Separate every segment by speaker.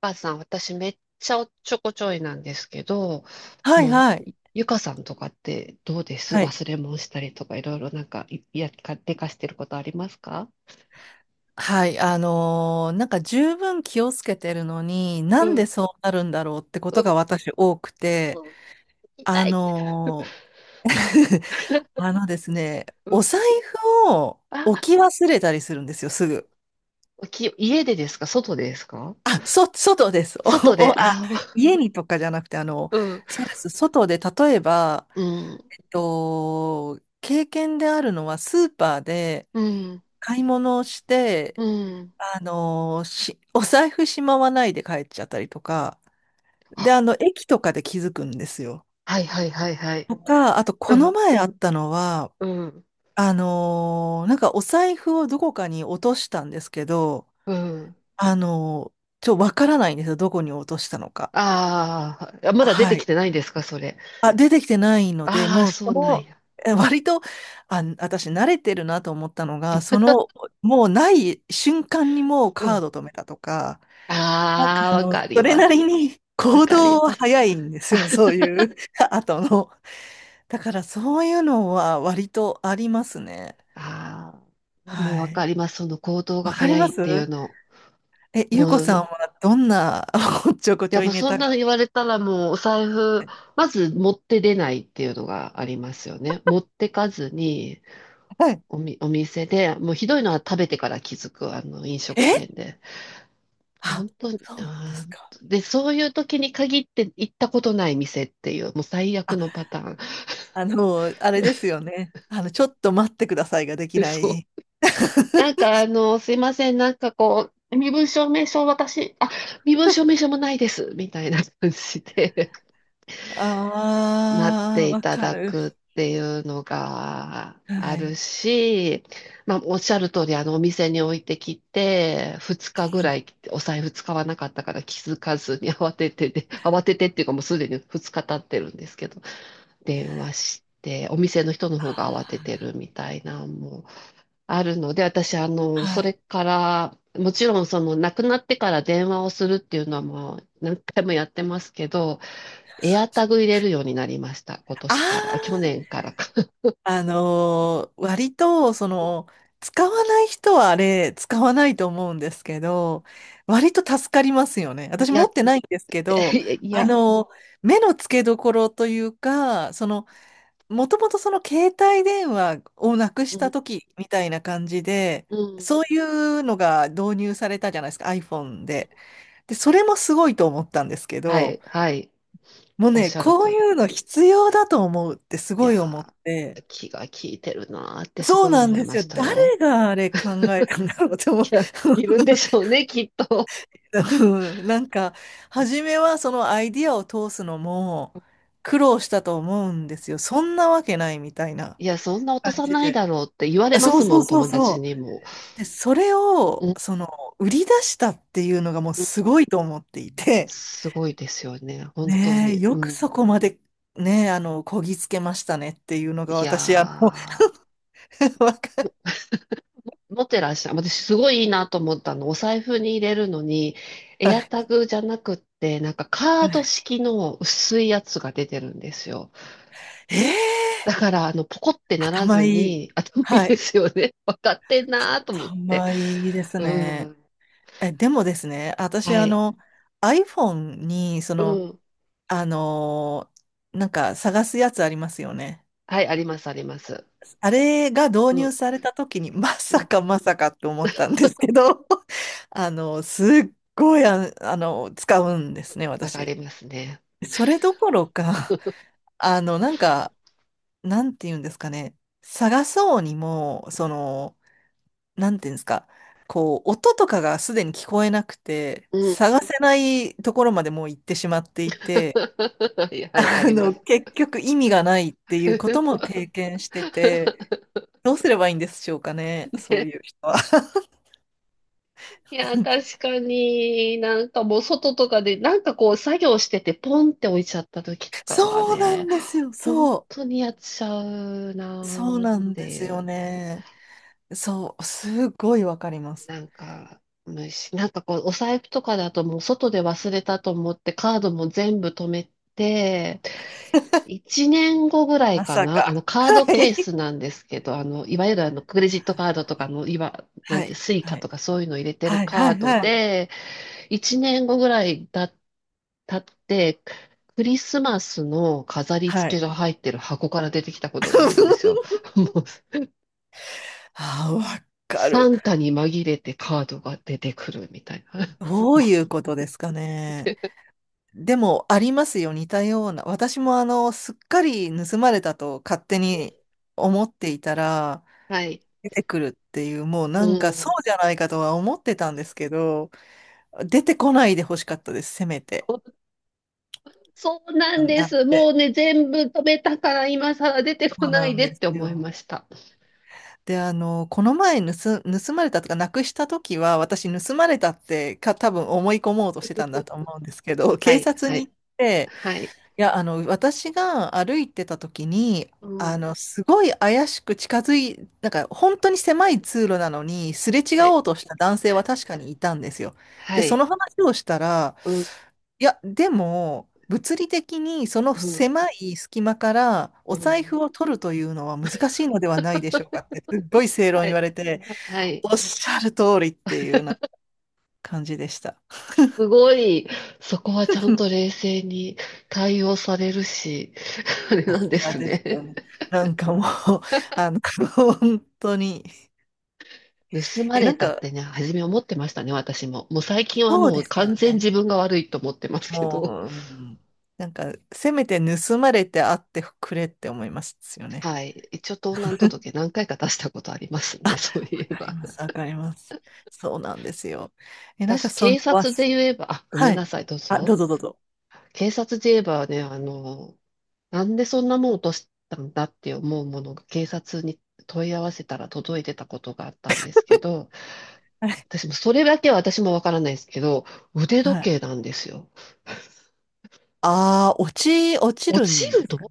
Speaker 1: かさん、私めっちゃおっちょこちょいなんですけど、
Speaker 2: はい
Speaker 1: もうゆ、
Speaker 2: はい。
Speaker 1: ゆかさんとかってどうです
Speaker 2: はい。
Speaker 1: 忘れ物したりとかいろいろなんか、でかしてることありますか？
Speaker 2: はい。なんか十分気をつけてるのに、な
Speaker 1: う
Speaker 2: ん
Speaker 1: ん、
Speaker 2: でそうなるんだろうってこ
Speaker 1: う
Speaker 2: と
Speaker 1: ん、
Speaker 2: が私多くて、
Speaker 1: うん、
Speaker 2: あ
Speaker 1: 痛い。
Speaker 2: のー あのですね、
Speaker 1: う
Speaker 2: お
Speaker 1: ん、
Speaker 2: 財布を
Speaker 1: あ、
Speaker 2: 置き忘れたりするんですよ、すぐ。
Speaker 1: 家でですか？外でですか？
Speaker 2: 外です。お、
Speaker 1: 外で、
Speaker 2: お、あ、
Speaker 1: あ、
Speaker 2: 家にとかじゃなくて、
Speaker 1: うん、
Speaker 2: そうです。外で、例えば、
Speaker 1: うん、
Speaker 2: 経験であるのはスーパーで
Speaker 1: うん、
Speaker 2: 買い物をして、
Speaker 1: うん。
Speaker 2: あのーし、お財布しまわないで帰っちゃったりとか、
Speaker 1: あ、
Speaker 2: で、駅とかで気づくんですよ。
Speaker 1: はいはいはいはい。
Speaker 2: とか、あと、
Speaker 1: う
Speaker 2: この
Speaker 1: ん、
Speaker 2: 前あったのは、
Speaker 1: うん、
Speaker 2: なんかお財布をどこかに落としたんですけど、
Speaker 1: うん。
Speaker 2: あのーちょ、わからないんですよ。どこに落としたのか。
Speaker 1: あーあ、まだ出て
Speaker 2: は
Speaker 1: き
Speaker 2: い。
Speaker 1: てないんですかそれ？
Speaker 2: あ、出てきてないので、
Speaker 1: ああ、
Speaker 2: もう、
Speaker 1: そ
Speaker 2: そ
Speaker 1: うなん
Speaker 2: の、
Speaker 1: や。
Speaker 2: 割と、私慣れてるなと思ったのが、その、もうない瞬間にもうカード止めたとか、
Speaker 1: ああ、わかり
Speaker 2: それ
Speaker 1: ま
Speaker 2: な
Speaker 1: す。
Speaker 2: りに
Speaker 1: わ
Speaker 2: 行
Speaker 1: か
Speaker 2: 動
Speaker 1: り
Speaker 2: は
Speaker 1: ます。
Speaker 2: 早いんですよ、そういう 後の。だからそういうのは割とありますね。
Speaker 1: ああ、もう
Speaker 2: は
Speaker 1: わか
Speaker 2: い。
Speaker 1: ります。その行動
Speaker 2: わ
Speaker 1: が
Speaker 2: かり
Speaker 1: 早
Speaker 2: ま
Speaker 1: いってい
Speaker 2: す。
Speaker 1: うの。
Speaker 2: ゆう
Speaker 1: も
Speaker 2: こ
Speaker 1: う
Speaker 2: さ
Speaker 1: な、
Speaker 2: ん
Speaker 1: い
Speaker 2: はどんな おっちょこち
Speaker 1: や
Speaker 2: ょ
Speaker 1: も
Speaker 2: い
Speaker 1: う
Speaker 2: ネ
Speaker 1: そん
Speaker 2: タ
Speaker 1: なの
Speaker 2: が。
Speaker 1: 言われたらもうお財布、まず持って出ないっていうのがありますよね。持ってかずに、
Speaker 2: はい。
Speaker 1: お店で、もうひどいのは食べてから気づく、あの飲食店
Speaker 2: え
Speaker 1: で。
Speaker 2: あ、
Speaker 1: 本当に、
Speaker 2: そうなんですか。
Speaker 1: で、そういう時に限って行ったことない店っていう、もう最悪
Speaker 2: あ、
Speaker 1: のパターン。
Speaker 2: あれですよね。あの、ちょっと待ってくださいができ な
Speaker 1: そう。
Speaker 2: い。
Speaker 1: なん かあの、すいません、なんかこう、身分証明書私、あ、身分証明書もないです、みたいな感じで 待っ
Speaker 2: ああ、
Speaker 1: てい
Speaker 2: わ
Speaker 1: た
Speaker 2: か
Speaker 1: だ
Speaker 2: る。
Speaker 1: くっていうのが
Speaker 2: は
Speaker 1: ある
Speaker 2: い。
Speaker 1: し、まあ、おっしゃる通り、あの、お店に置いてきて、2日ぐらいお財布使わなかったから気づかずに慌ててで、慌ててっていうかもうすでに2日経ってるんですけど、電話して、お店の人の
Speaker 2: あ
Speaker 1: 方が慌
Speaker 2: ー
Speaker 1: ててるみたいな、もう。あるので、私、あの、
Speaker 2: は
Speaker 1: それ
Speaker 2: い。
Speaker 1: から、もちろん、その、亡くなってから電話をするっていうのはもう何回もやってますけど、エアタグ入れるようになりました。今
Speaker 2: あ
Speaker 1: 年から、あ去
Speaker 2: あ。
Speaker 1: 年からか。
Speaker 2: 割と、その、使わない人はあれ、使わないと思うんですけど、割と助かりますよね。
Speaker 1: い
Speaker 2: 私
Speaker 1: や
Speaker 2: 持
Speaker 1: っ
Speaker 2: ってないんですけど、
Speaker 1: て、い
Speaker 2: あ
Speaker 1: や、
Speaker 2: のー目の付けどころというか、その、もともとその携帯電話をなく
Speaker 1: う
Speaker 2: した
Speaker 1: ん、
Speaker 2: 時みたいな感じで、
Speaker 1: うん。
Speaker 2: そういうのが導入されたじゃないですか、iPhone で。で、それもすごいと思ったんですけ
Speaker 1: は
Speaker 2: ど、
Speaker 1: い、はい。
Speaker 2: もう
Speaker 1: おっ
Speaker 2: ね、
Speaker 1: しゃる
Speaker 2: こう
Speaker 1: 通
Speaker 2: い
Speaker 1: り。
Speaker 2: うの必要だと思うってす
Speaker 1: い
Speaker 2: ごい思っ
Speaker 1: や
Speaker 2: て、
Speaker 1: ー、気が利いてるなーってす
Speaker 2: そう
Speaker 1: ごい
Speaker 2: なん
Speaker 1: 思い
Speaker 2: で
Speaker 1: ま
Speaker 2: すよ。
Speaker 1: した
Speaker 2: 誰
Speaker 1: よ。
Speaker 2: があれ考えたんだろうと思う。
Speaker 1: いや、いるんでしょうね、きっと。
Speaker 2: うん、なんか、初めはそのアイディアを通すのも苦労したと思うんですよ。そんなわけないみたいな
Speaker 1: いや、そんな落と
Speaker 2: 感
Speaker 1: さ
Speaker 2: じ
Speaker 1: ない
Speaker 2: で。
Speaker 1: だろうって言われま
Speaker 2: そう
Speaker 1: す
Speaker 2: そ
Speaker 1: も
Speaker 2: う
Speaker 1: ん、
Speaker 2: そう
Speaker 1: 友達
Speaker 2: そ
Speaker 1: にも。
Speaker 2: う。で、それ
Speaker 1: う
Speaker 2: を、
Speaker 1: ん。
Speaker 2: その、売り出したっていうのがもうすごいと思っていて、
Speaker 1: すごいですよね。本当
Speaker 2: ねえ、
Speaker 1: に。
Speaker 2: よ
Speaker 1: う
Speaker 2: く
Speaker 1: ん。
Speaker 2: そこまで、ねえ、こぎつけましたねっていうのが
Speaker 1: い
Speaker 2: 私、
Speaker 1: や
Speaker 2: わか、
Speaker 1: ー、持ってらっしゃる。私、すごいいいなと思ったの。お財布に入れるのに、エア
Speaker 2: は
Speaker 1: タグじゃなくって、なんかカード
Speaker 2: い。
Speaker 1: 式の薄いやつが出てるんですよ。
Speaker 2: えー
Speaker 1: だから、あの、ポコってなら
Speaker 2: 頭
Speaker 1: ず
Speaker 2: いい。
Speaker 1: に、頭いい
Speaker 2: は
Speaker 1: で
Speaker 2: い。
Speaker 1: すよね。分かってんなーと思って。
Speaker 2: 頭いいです
Speaker 1: う
Speaker 2: ね。
Speaker 1: ん。
Speaker 2: でもですね、私、
Speaker 1: はい。
Speaker 2: iPhone に、そ
Speaker 1: う
Speaker 2: の、
Speaker 1: ん。
Speaker 2: あのーなんか探すやつありますよね。
Speaker 1: はい、あります、あります。
Speaker 2: あれが導
Speaker 1: うん。
Speaker 2: 入された時に、ま
Speaker 1: う
Speaker 2: さ
Speaker 1: ん。
Speaker 2: かまさかと思ったんですけど、すっごい、使うんですね、
Speaker 1: わか
Speaker 2: 私。
Speaker 1: りますね。
Speaker 2: それどころか、なんか、なんて言うんですかね、探そうにも、その、なんていうんですか、こう、音とかがすでに聞こえなくて、
Speaker 1: うん。
Speaker 2: 探せないところまでもう行ってしまっていて、
Speaker 1: はい、はい、あります。
Speaker 2: 結局意味がないって いうことも経験してて、どうすればいいんでしょうかね、そうい
Speaker 1: ね。
Speaker 2: う人は。
Speaker 1: いや、確かに、なんかもう外とかで、なんかこう作業しててポンって置いちゃった時とかは
Speaker 2: そうな
Speaker 1: ね、
Speaker 2: んですよ、
Speaker 1: 本
Speaker 2: そ
Speaker 1: 当にやっちゃう
Speaker 2: う。そう
Speaker 1: なーっ
Speaker 2: なん
Speaker 1: て
Speaker 2: で
Speaker 1: い
Speaker 2: すよ
Speaker 1: う、
Speaker 2: ね。そう、すごいわかります。
Speaker 1: なんか、なんかこうお財布とかだともう外で忘れたと思ってカードも全部止めて、1年後ぐらい
Speaker 2: ま
Speaker 1: か
Speaker 2: さ
Speaker 1: な、あの
Speaker 2: か。
Speaker 1: カード
Speaker 2: は
Speaker 1: ケー
Speaker 2: い。
Speaker 1: スなんですけど、あの、いわゆるあのクレジットカードとかの、なん
Speaker 2: は
Speaker 1: て、
Speaker 2: い。
Speaker 1: スイカ
Speaker 2: はい。
Speaker 1: とかそういうの入れてる
Speaker 2: はい。
Speaker 1: カ
Speaker 2: は
Speaker 1: ー
Speaker 2: い。
Speaker 1: ド
Speaker 2: はい。
Speaker 1: で、一年後ぐらいだ、経って、クリスマスの飾り
Speaker 2: は
Speaker 1: 付け
Speaker 2: い。
Speaker 1: が入ってる箱から出てきたことがあるんですよ。もう、
Speaker 2: ああ、わか
Speaker 1: サ
Speaker 2: る。
Speaker 1: ンタに紛れてカードが出てくるみたいな。
Speaker 2: どう
Speaker 1: も
Speaker 2: いうことですか
Speaker 1: う
Speaker 2: ね。
Speaker 1: で、
Speaker 2: でも、ありますよ、似たような。私も、すっかり盗まれたと勝手に思っていたら、
Speaker 1: はい。
Speaker 2: 出てくるっていう、もうな
Speaker 1: う
Speaker 2: んかそ
Speaker 1: ん。
Speaker 2: うじゃないかとは思ってたんですけど、出てこないでほしかったです、せめて。
Speaker 1: そうな
Speaker 2: な
Speaker 1: んで
Speaker 2: ん
Speaker 1: す。もう
Speaker 2: て。
Speaker 1: ね、全部止めたから今更出てこ
Speaker 2: そう
Speaker 1: な
Speaker 2: な
Speaker 1: い
Speaker 2: ん
Speaker 1: で
Speaker 2: で
Speaker 1: って
Speaker 2: す
Speaker 1: 思い
Speaker 2: よ。
Speaker 1: ました。
Speaker 2: で、この前盗まれたとか、なくした時は、私、盗まれたってか、多分思い込もうとしてたんだと思うんですけど、
Speaker 1: は
Speaker 2: 警
Speaker 1: い、
Speaker 2: 察
Speaker 1: は
Speaker 2: に
Speaker 1: い、
Speaker 2: 行って、
Speaker 1: はい。
Speaker 2: いや、私が歩いてた時に、
Speaker 1: うん。
Speaker 2: すごい怪しく近づい、なんか本当に狭い通路なのに、すれ違
Speaker 1: はい、
Speaker 2: おうとした男性は確かにいたんですよ。
Speaker 1: は
Speaker 2: で、そ
Speaker 1: い。
Speaker 2: の話をしたら、
Speaker 1: うん、
Speaker 2: いや、でも、物理的にその
Speaker 1: うん、
Speaker 2: 狭い隙間から
Speaker 1: う
Speaker 2: お財
Speaker 1: ん。
Speaker 2: 布を取るというのは難しいのではないでしょうかって、すっごい正論
Speaker 1: は
Speaker 2: 言
Speaker 1: い、
Speaker 2: われて、
Speaker 1: はい。
Speaker 2: おっしゃる通りっていうような感じでした。
Speaker 1: すごい、そこはちゃんと 冷静に対応されるし、あれ
Speaker 2: さ
Speaker 1: なんで
Speaker 2: すが
Speaker 1: す
Speaker 2: ですよ
Speaker 1: ね。
Speaker 2: ね。なんかもう、あの、本当に。
Speaker 1: 盗ま
Speaker 2: え、
Speaker 1: れ
Speaker 2: なん
Speaker 1: たっ
Speaker 2: か、
Speaker 1: てね、初め思ってましたね、私も。もう最近は
Speaker 2: そう
Speaker 1: もう
Speaker 2: ですよ
Speaker 1: 完全
Speaker 2: ね。
Speaker 1: 自分が悪いと思ってますけ
Speaker 2: もう、
Speaker 1: ど。
Speaker 2: うん、なんか、せめて盗まれてあってくれって思いますよね。
Speaker 1: はい。一応盗難 届何回か出したことあります
Speaker 2: あ、わ
Speaker 1: ね、そういえ
Speaker 2: かり
Speaker 1: ば。
Speaker 2: ます、わかります。そうなんですよ。なんか
Speaker 1: 私、
Speaker 2: その、
Speaker 1: 警察で言えば、あ、ごめ
Speaker 2: は
Speaker 1: んな
Speaker 2: い。
Speaker 1: さい、どう
Speaker 2: あ、どう
Speaker 1: ぞ。
Speaker 2: ぞどうぞ。
Speaker 1: 警察で言えばね、あの、なんでそんなもん落としたんだって思うものが警察に問い合わせたら届いてたことがあったんですけど、
Speaker 2: はい。
Speaker 1: 私もそれだけは私もわからないですけど、腕時
Speaker 2: はい。
Speaker 1: 計なんですよ。
Speaker 2: ああ、落ち、落ち
Speaker 1: 落
Speaker 2: る
Speaker 1: ち
Speaker 2: んで
Speaker 1: る
Speaker 2: す。
Speaker 1: の。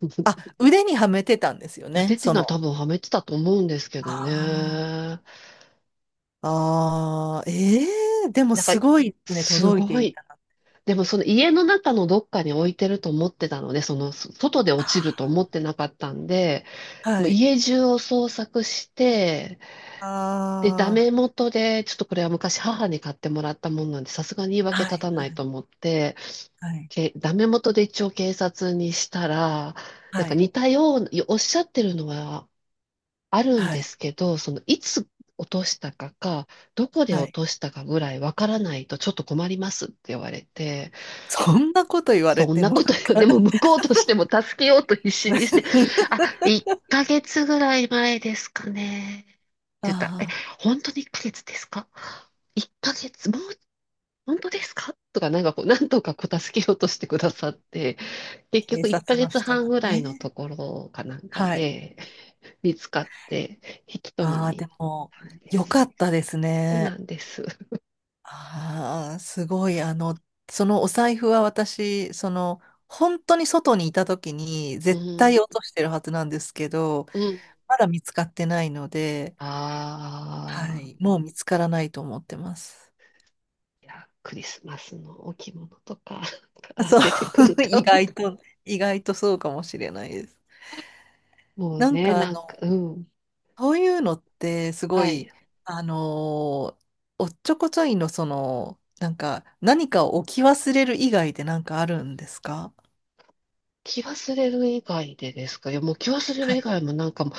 Speaker 2: あ、腕にはめてたんですよ
Speaker 1: 腕
Speaker 2: ね、
Speaker 1: っていう
Speaker 2: そ
Speaker 1: のは多
Speaker 2: の。
Speaker 1: 分はめてたと思うんですけど
Speaker 2: あ
Speaker 1: ね。
Speaker 2: ーあー、あえでも
Speaker 1: なんか、
Speaker 2: すごいですね、
Speaker 1: す
Speaker 2: 届いて
Speaker 1: ご
Speaker 2: い
Speaker 1: い。
Speaker 2: た。
Speaker 1: でもその家の中のどっかに置いてると思ってたので、そのそ外で落ちると思ってなかったんで、も
Speaker 2: は
Speaker 1: う
Speaker 2: い。
Speaker 1: 家中を捜索して、
Speaker 2: あ
Speaker 1: で、ダメ元で、ちょっとこれは昔母に買ってもらったもんなんで、さすがに言い
Speaker 2: あ、
Speaker 1: 訳
Speaker 2: はい、は
Speaker 1: 立たない
Speaker 2: い、
Speaker 1: と思って、
Speaker 2: はい、
Speaker 1: ダメ元で一応警察にしたら、なん
Speaker 2: は
Speaker 1: か
Speaker 2: い。
Speaker 1: 似たような、おっしゃってるのはあるん
Speaker 2: は
Speaker 1: で
Speaker 2: い。
Speaker 1: すけど、そのいつ落としたか、どこで
Speaker 2: は
Speaker 1: 落
Speaker 2: い。
Speaker 1: と したかぐらいわからないとちょっと困りますって言われて、
Speaker 2: そんなこと言われ
Speaker 1: そん
Speaker 2: て
Speaker 1: な
Speaker 2: もなん
Speaker 1: ことよ。で
Speaker 2: か。
Speaker 1: も向こうとしても助けようと必死にして、あ、1ヶ月ぐらい前ですかね。って言ったら、え、
Speaker 2: ああ、
Speaker 1: 本当に1ヶ月ですか？ 1 ヶ月、もう、本当ですかとか、なんかこう、なんとかこう助けようとしてくださって、結
Speaker 2: 警
Speaker 1: 局1
Speaker 2: 察
Speaker 1: ヶ
Speaker 2: の人
Speaker 1: 月半
Speaker 2: が
Speaker 1: ぐらいのと
Speaker 2: ね。
Speaker 1: ころかなんか
Speaker 2: はい。
Speaker 1: で 見つかって引き取り
Speaker 2: ああ、
Speaker 1: に行
Speaker 2: で
Speaker 1: っ
Speaker 2: も、
Speaker 1: たんで
Speaker 2: よ
Speaker 1: す。
Speaker 2: かったです
Speaker 1: そうな
Speaker 2: ね。
Speaker 1: んです。
Speaker 2: ああ、すごい。そのお財布は私、その、本当に外にいた時に
Speaker 1: う
Speaker 2: 絶
Speaker 1: ん。
Speaker 2: 対落としてるはずなんですけど、
Speaker 1: うん。
Speaker 2: まだ見つかってないので、は
Speaker 1: あ
Speaker 2: い。
Speaker 1: あ。
Speaker 2: もう見つからないと思ってます。
Speaker 1: いや、クリスマスの置物とか か ら
Speaker 2: そう、
Speaker 1: 出てくる
Speaker 2: 意
Speaker 1: かも。
Speaker 2: 外と、意外とそうかもしれないです。
Speaker 1: もう
Speaker 2: なん
Speaker 1: ね、
Speaker 2: か
Speaker 1: なんか、うん。
Speaker 2: そういうのってすご
Speaker 1: は
Speaker 2: い、
Speaker 1: い。
Speaker 2: あのーおっちょこちょいのその、なんか何かを置き忘れる以外でなんかあるんですか？
Speaker 1: 気忘れる以外でですか？いや、もう気忘れる
Speaker 2: は
Speaker 1: 以
Speaker 2: い。
Speaker 1: 外もなんかもう、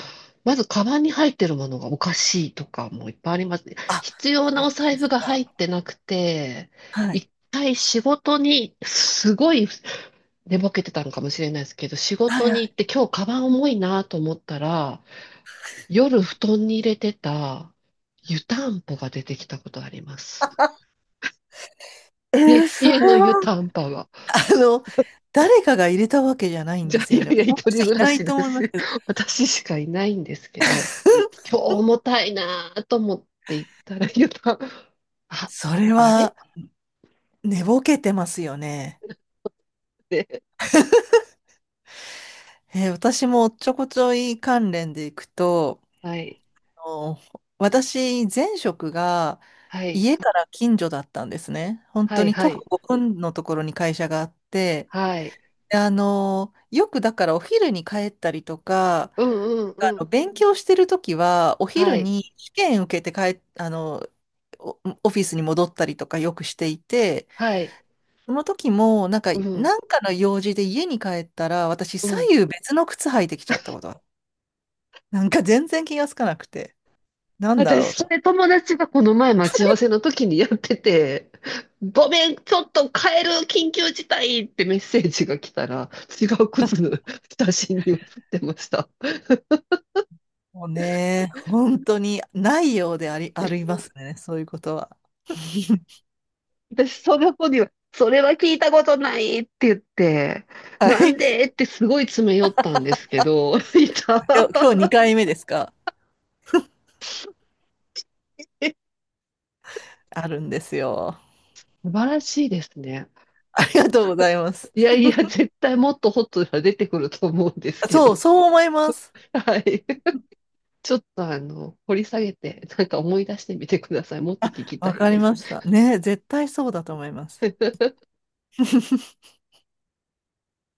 Speaker 1: まずカバンに入ってるものがおかしいとかもいっぱいあります。
Speaker 2: あ、
Speaker 1: 必要
Speaker 2: こん
Speaker 1: なお
Speaker 2: な
Speaker 1: 財
Speaker 2: で
Speaker 1: 布
Speaker 2: す
Speaker 1: が入
Speaker 2: か？
Speaker 1: ってなくて、一回仕事に、すごい寝ぼけてたのかもしれないですけど、仕
Speaker 2: はい
Speaker 1: 事
Speaker 2: はいは
Speaker 1: に行
Speaker 2: い。
Speaker 1: って今日カバン重いなと思ったら、夜布団に入れてた湯たんぽが出てきたことあります。
Speaker 2: え
Speaker 1: 家、
Speaker 2: ー、そ
Speaker 1: 家の
Speaker 2: れは、
Speaker 1: 湯たんぽが。
Speaker 2: あの、誰かが入れたわけじゃないん
Speaker 1: じ
Speaker 2: で
Speaker 1: ゃあ、
Speaker 2: す
Speaker 1: い
Speaker 2: よ
Speaker 1: や
Speaker 2: ね。
Speaker 1: いや、
Speaker 2: そん
Speaker 1: 一
Speaker 2: な人
Speaker 1: 人
Speaker 2: い
Speaker 1: 暮ら
Speaker 2: な
Speaker 1: し
Speaker 2: い
Speaker 1: だ
Speaker 2: と思います
Speaker 1: し、
Speaker 2: けど。
Speaker 1: 私しかいないんですけど、今日重たいなぁと思って行ったら、あ、
Speaker 2: それ
Speaker 1: あれっ
Speaker 2: は寝ぼけてますよね。
Speaker 1: て、
Speaker 2: 私もおっちょこちょい関連でいくと、
Speaker 1: はい、
Speaker 2: の私、前職が
Speaker 1: はい、
Speaker 2: 家から近所だったんですね。本
Speaker 1: は
Speaker 2: 当
Speaker 1: い、
Speaker 2: に
Speaker 1: は
Speaker 2: 徒歩
Speaker 1: い、
Speaker 2: ごふんのところに会社があって、
Speaker 1: はい、
Speaker 2: でよくだからお昼に帰ったりとか、
Speaker 1: うん、うん、うん、
Speaker 2: 勉強してるときはお
Speaker 1: は
Speaker 2: 昼
Speaker 1: い、
Speaker 2: に試験受けて帰っ、あの、おオフィスに戻ったりとかよくしていて、
Speaker 1: はい、
Speaker 2: その時もなんか、
Speaker 1: うん、
Speaker 2: なんかの用事で家に帰ったら私
Speaker 1: う
Speaker 2: 左
Speaker 1: ん。
Speaker 2: 右別の靴履いてきちゃったことがある。なんか全然気がつかなくて、なんだ
Speaker 1: 私、
Speaker 2: ろう
Speaker 1: そ
Speaker 2: と。
Speaker 1: れ友達がこの前待ち合わせの時にやってて、ごめん、ちょっと帰る緊急事態ってメッセージが来たら、違う靴の写真に写ってました。
Speaker 2: もうね、本当にないようであり、ありますね、そういうことは。
Speaker 1: 私、その子には、それは聞いたことないって言って、
Speaker 2: は
Speaker 1: なん
Speaker 2: い。
Speaker 1: でってすごい詰め寄ったんですけど、いた。
Speaker 2: 今日2回目ですか？あるんですよ。
Speaker 1: 素晴らしいですね。
Speaker 2: ありがとうございます。
Speaker 1: いやいや、絶対もっとホットが出てくると思うんですけ
Speaker 2: そ
Speaker 1: ど。
Speaker 2: う、そう思います。
Speaker 1: はい。ちょっとあの、掘り下げて、なんか思い出してみてください。もっと聞き
Speaker 2: わ
Speaker 1: たい
Speaker 2: かり
Speaker 1: で
Speaker 2: ま
Speaker 1: す。
Speaker 2: した。ね、絶対そうだと思います。